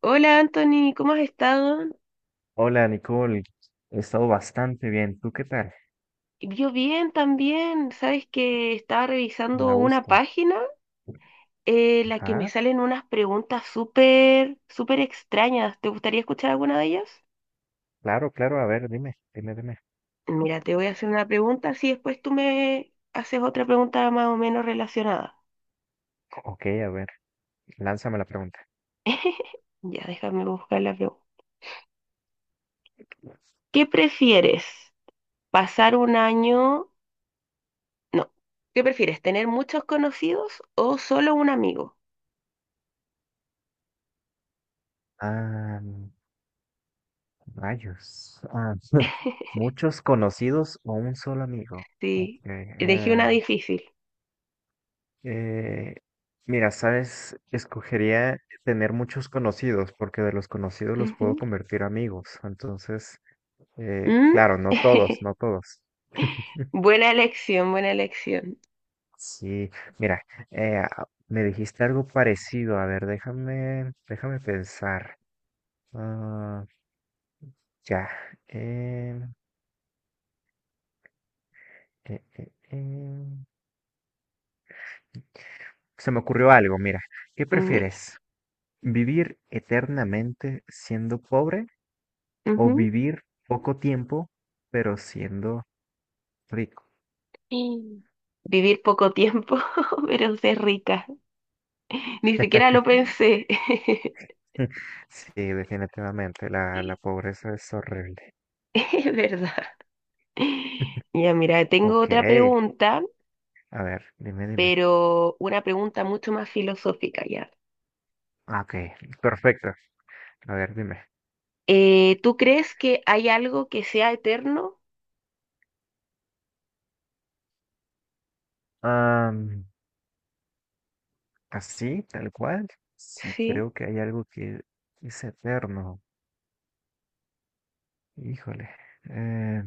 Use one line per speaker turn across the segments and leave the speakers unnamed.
Hola Anthony, ¿cómo has estado?
Hola Nicole, he estado bastante bien. ¿Tú qué tal?
Yo bien también. Sabes que estaba
Me
revisando
da
una
gusto.
página en la que me
Ajá,
salen unas preguntas súper, súper extrañas. ¿Te gustaría escuchar alguna de ellas?
claro, claro. A ver, dime, dime, dime.
Mira, te voy a hacer una pregunta, así después tú me haces otra pregunta más o menos relacionada.
Ok, a ver, lánzame la pregunta.
Ya, déjame buscar la pregunta. ¿Qué prefieres? ¿Pasar un año? No. ¿Qué prefieres? ¿Tener muchos conocidos o solo un amigo?
Ah, rayos. Ah, muchos conocidos o un solo amigo. Ok.
Sí, elegí una difícil.
Eh, mira, sabes, escogería tener muchos conocidos porque de los conocidos los
Ujú.
puedo convertir amigos. Entonces,
Mm.
claro, no todos, no todos.
Buena elección, buena elección.
Sí, mira, me dijiste algo parecido. A ver, déjame pensar. Ah, ya. em, eh, eh, em, Se me ocurrió algo, mira. ¿Qué
Ni-
prefieres? ¿Vivir eternamente siendo pobre o
ujú.
vivir poco tiempo pero siendo rico?
Y vivir poco tiempo, pero ser rica. Ni siquiera lo pensé.
Sí, definitivamente, la pobreza es horrible.
Es verdad. Ya, mira, tengo
Ok,
otra pregunta,
a ver, dime, dime.
pero una pregunta mucho más filosófica ya.
Ah, ok, perfecto. A ver, dime.
¿Tú crees que hay algo que sea eterno?
Am, así, tal cual. Sí,
Sí.
creo que hay algo que es eterno. Híjole. eh,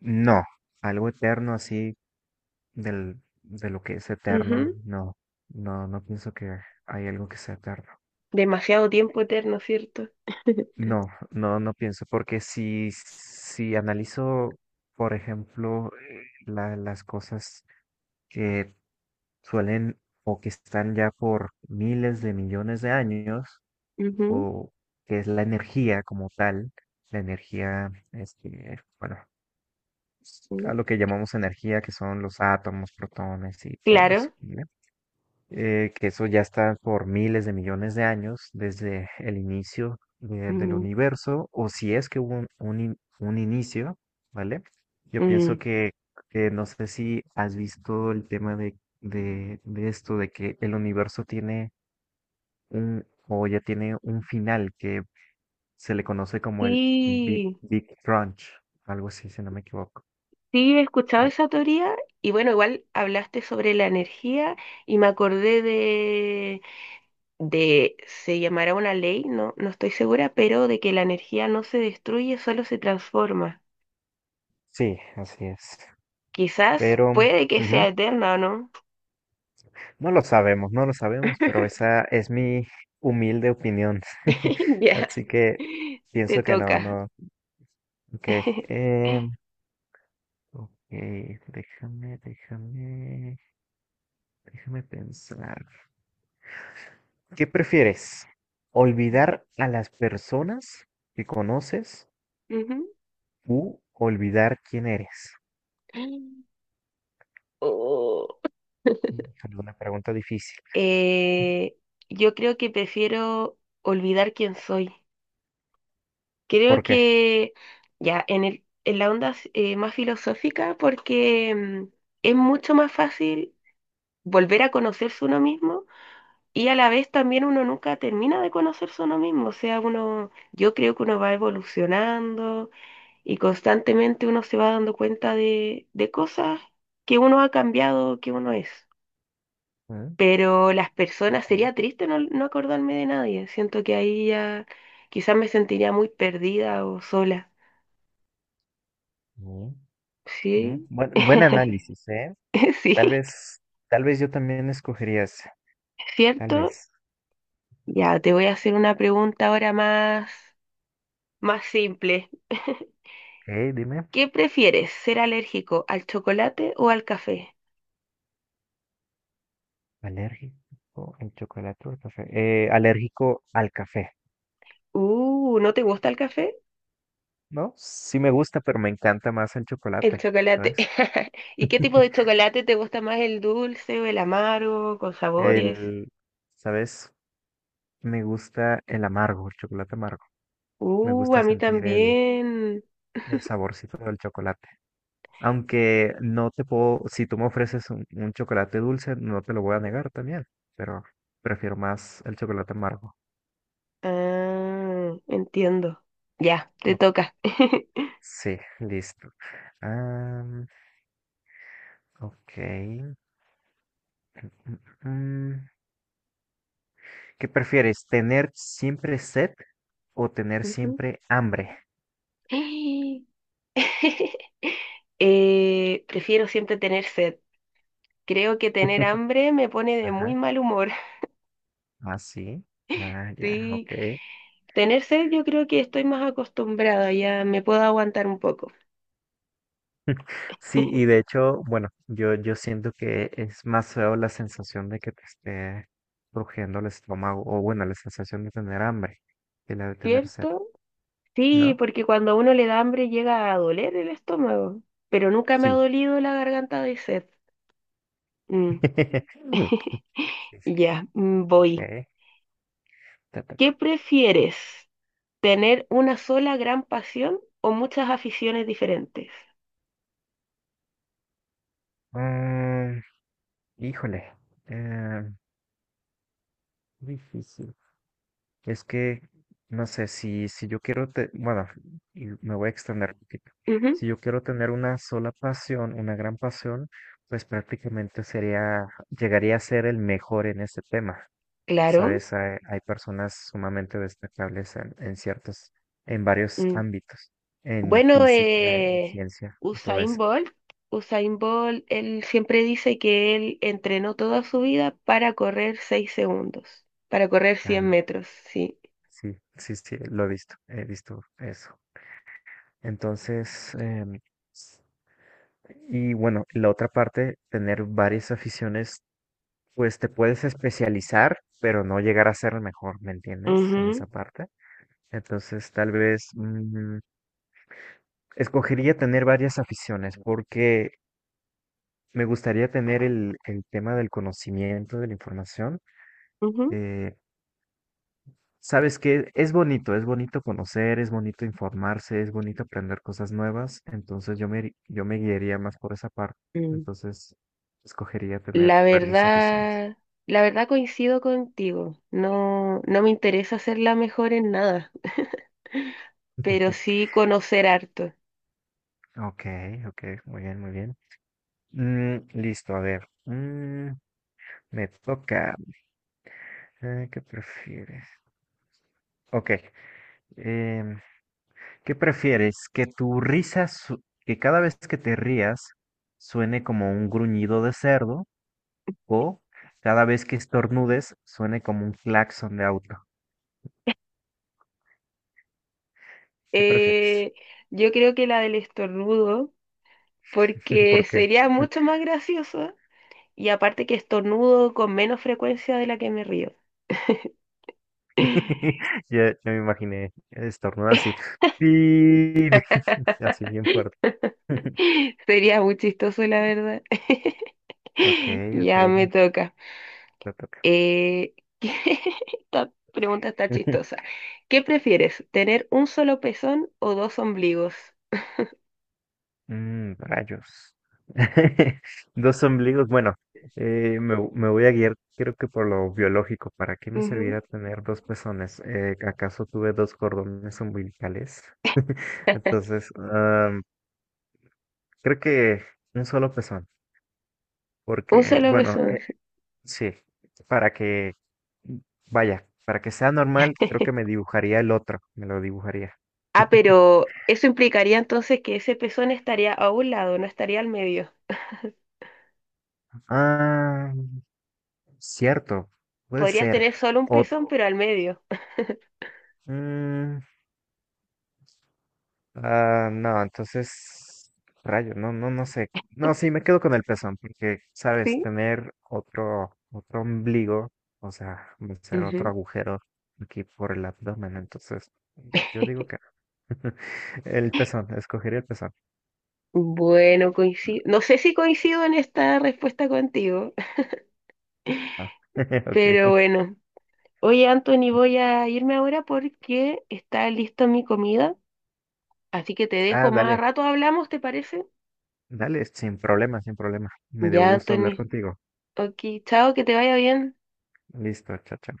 no, algo eterno así de lo que es eterno.
Ujú.
No, no, no pienso que hay algo que sea eterno.
Demasiado tiempo eterno, ¿cierto?
No, no, no pienso, porque si analizo, por ejemplo, las cosas que suelen o que están ya por miles de millones de años,
Ujú,
o que es la energía como tal, la energía, este, bueno,
mm.
a lo que llamamos energía, que son los átomos, protones y todo eso,
Claro.
¿vale? Que eso ya está por miles de millones de años desde el del
Mm,
universo, o si es que hubo un inicio, ¿vale? Yo pienso
mm.
que no sé si has visto el tema de esto, de que el universo tiene un, o ya tiene un final, que se le conoce como el
Sí,
Big Crunch, algo así, si no me equivoco.
sí, he escuchado
O-
esa teoría y bueno, igual hablaste sobre la energía y me acordé de, se llamará una ley, no, no estoy segura, pero de que la energía no se destruye, solo se transforma.
sí, así es.
Quizás
Pero
puede que
ujú,
sea eterna o no.
no lo sabemos, no lo sabemos, pero esa es mi humilde opinión.
Ya,
Así que
te
pienso que no,
toca.
no. Ok, em, ok, déjame, déjame, déjame pensar. ¿Qué prefieres? ¿Olvidar a las personas que conoces
Ujú.
u olvidar quién eres?
Oh.
Híjole, una pregunta difícil.
Eh, yo creo que prefiero olvidar quién soy. Creo
¿Por qué?
que ya en el, en la onda más filosófica, porque es mucho más fácil volver a conocerse uno mismo y a la vez también uno nunca termina de conocerse uno mismo. O sea, uno, yo creo que uno va evolucionando y constantemente uno se va dando cuenta de cosas que uno ha cambiado, que uno es.
Mm,
Pero las personas, sería triste no, no acordarme de nadie. Siento que ahí ya quizás me sentiría muy perdida o sola.
mm, mm.
Sí,
Buen, buen análisis, ¿eh?
sí,
Tal vez, tal vez yo también escogería ese, tal
¿cierto?
vez.
Ya, te voy a hacer una pregunta ahora más, más simple.
Dime,
¿Qué prefieres, ser alérgico al chocolate o al café?
alérgico al chocolate o al café. Alérgico al café,
¿No te gusta el café?
¿no? Sí me gusta, pero me encanta más el
El
chocolate,
chocolate.
¿sabes?
¿Y qué tipo de chocolate te gusta más, el dulce o el amargo, con sabores?
El, ¿sabes? Me gusta el amargo, el chocolate amargo. Me gusta
A mí
sentir
también.
el saborcito del chocolate. Aunque no te puedo, si tú me ofreces un chocolate dulce, no te lo voy a negar también, pero prefiero más el chocolate amargo.
Ah, entiendo. Ya, te
Ok,
toca.
sí, listo. Am, ok. Mm. mm. ¿Qué prefieres? ¿Tener siempre sed o tener
Ujú.
siempre hambre?
Prefiero siempre tener sed. Creo que tener hambre me pone de muy
Ajá.
mal humor.
Así. Ah, sí. Ah, ya,
Sí,
ok.
tener sed yo creo que estoy más acostumbrada, ya me puedo aguantar un poco,
Sí, y de hecho, bueno, yo siento que es más feo la sensación de que te esté rugiendo el estómago, o bueno, la sensación de tener hambre que la de tener sed,
¿cierto? Sí,
¿no?
porque cuando a uno le da hambre llega a doler el estómago, pero nunca me ha
Sí.
dolido la garganta de sed. Mm,
Sí, sí,
ya, mm, voy.
ok. Te
¿Qué
toca.
prefieres? ¿Tener una sola gran pasión o muchas aficiones diferentes?
Mm, híjole. eh, Difícil. Es que, no sé, si yo quiero, bueno, y me voy a extender un poquito.
Ujú,
Si yo quiero tener una sola pasión, una gran pasión, pues prácticamente sería, llegaría a ser el mejor en este tema.
claro.
Sabes, hay personas sumamente destacables en ciertos, en varios
Mm.
ámbitos, en
Bueno,
física, en ciencia, y todo
Usain
eso.
Bolt, Usain Bolt, él siempre dice que él entrenó toda su vida para correr 6 segundos, para correr 100
Am,
metros, sí.
sí, sí, sí, lo he visto eso. Entonces, y bueno, la otra parte, tener varias aficiones, pues te puedes especializar, pero no llegar a ser el mejor, ¿me entiendes? En
Ujú,
esa parte. Entonces, tal vez escogería tener varias aficiones porque me gustaría tener el tema del conocimiento, de la información.
ujú.
Eh, sabes que es bonito conocer, es bonito informarse, es bonito aprender cosas nuevas. Entonces, yo me guiaría más por esa parte.
Mm.
Entonces, escogería tener
La
varias aficiones.
verdad, la verdad coincido contigo. No, no me interesa ser la mejor en nada, pero sí conocer harto.
Ok, ok, muy bien, muy bien. Mm, listo, a ver. Mm, me toca. ¿Qué prefieres? Ok. em, ¿Qué prefieres? Que que cada vez que te rías suene como un gruñido de cerdo o cada vez que estornudes suene como un claxon de auto. ¿Qué prefieres?
Eh, yo creo que la del estornudo, porque
¿Por qué?
sería mucho más gracioso. Y aparte que estornudo con menos frecuencia de la que me río.
Ya, ya me imaginé estornudar así. Así bien fuerte.
Sería muy chistoso, la verdad.
Ok, ok,
Ya me toca.
te toca.
Eh, esta pregunta está chistosa. ¿Qué prefieres, tener un solo pezón o dos ombligos?
Mm, rayos. Dos ombligos. Bueno, me voy a guiar, creo que por lo biológico. ¿Para qué me
Ujú.
servirá tener dos pezones? ¿Acaso tuve dos cordones umbilicales? Entonces, am, creo que un solo pezón.
Un
Porque,
solo
bueno,
pezón. Sí.
sí, para que, vaya, para que sea normal, creo que me dibujaría el otro. Me lo dibujaría.
Ah, pero eso implicaría entonces que ese pezón estaría a un lado, no estaría al medio.
Ah, cierto, puede
Podrías
ser.
tener solo un
O,
pezón, pero al medio.
Mm, ah, no, entonces, rayos, no, no, no sé. No, sí, me quedo con el pezón, porque, sabes,
¿Sí?
tener otro ombligo, o sea, va a ser otro
Ujú.
agujero aquí por el abdomen, entonces, yo digo que no. El pezón, escogería el pezón.
Bueno, coincido. No sé si coincido en esta respuesta contigo,
Ah,
pero
ok.
bueno. Oye, Anthony, voy a irme ahora porque está lista mi comida, así que te dejo
Ah,
más
dale,
rato hablamos, ¿te parece?
dale, sin problema, sin problema. Me dio
Ya,
gusto hablar
Anthony.
contigo.
Ok, chao, que te vaya bien.
Listo, chao, chao.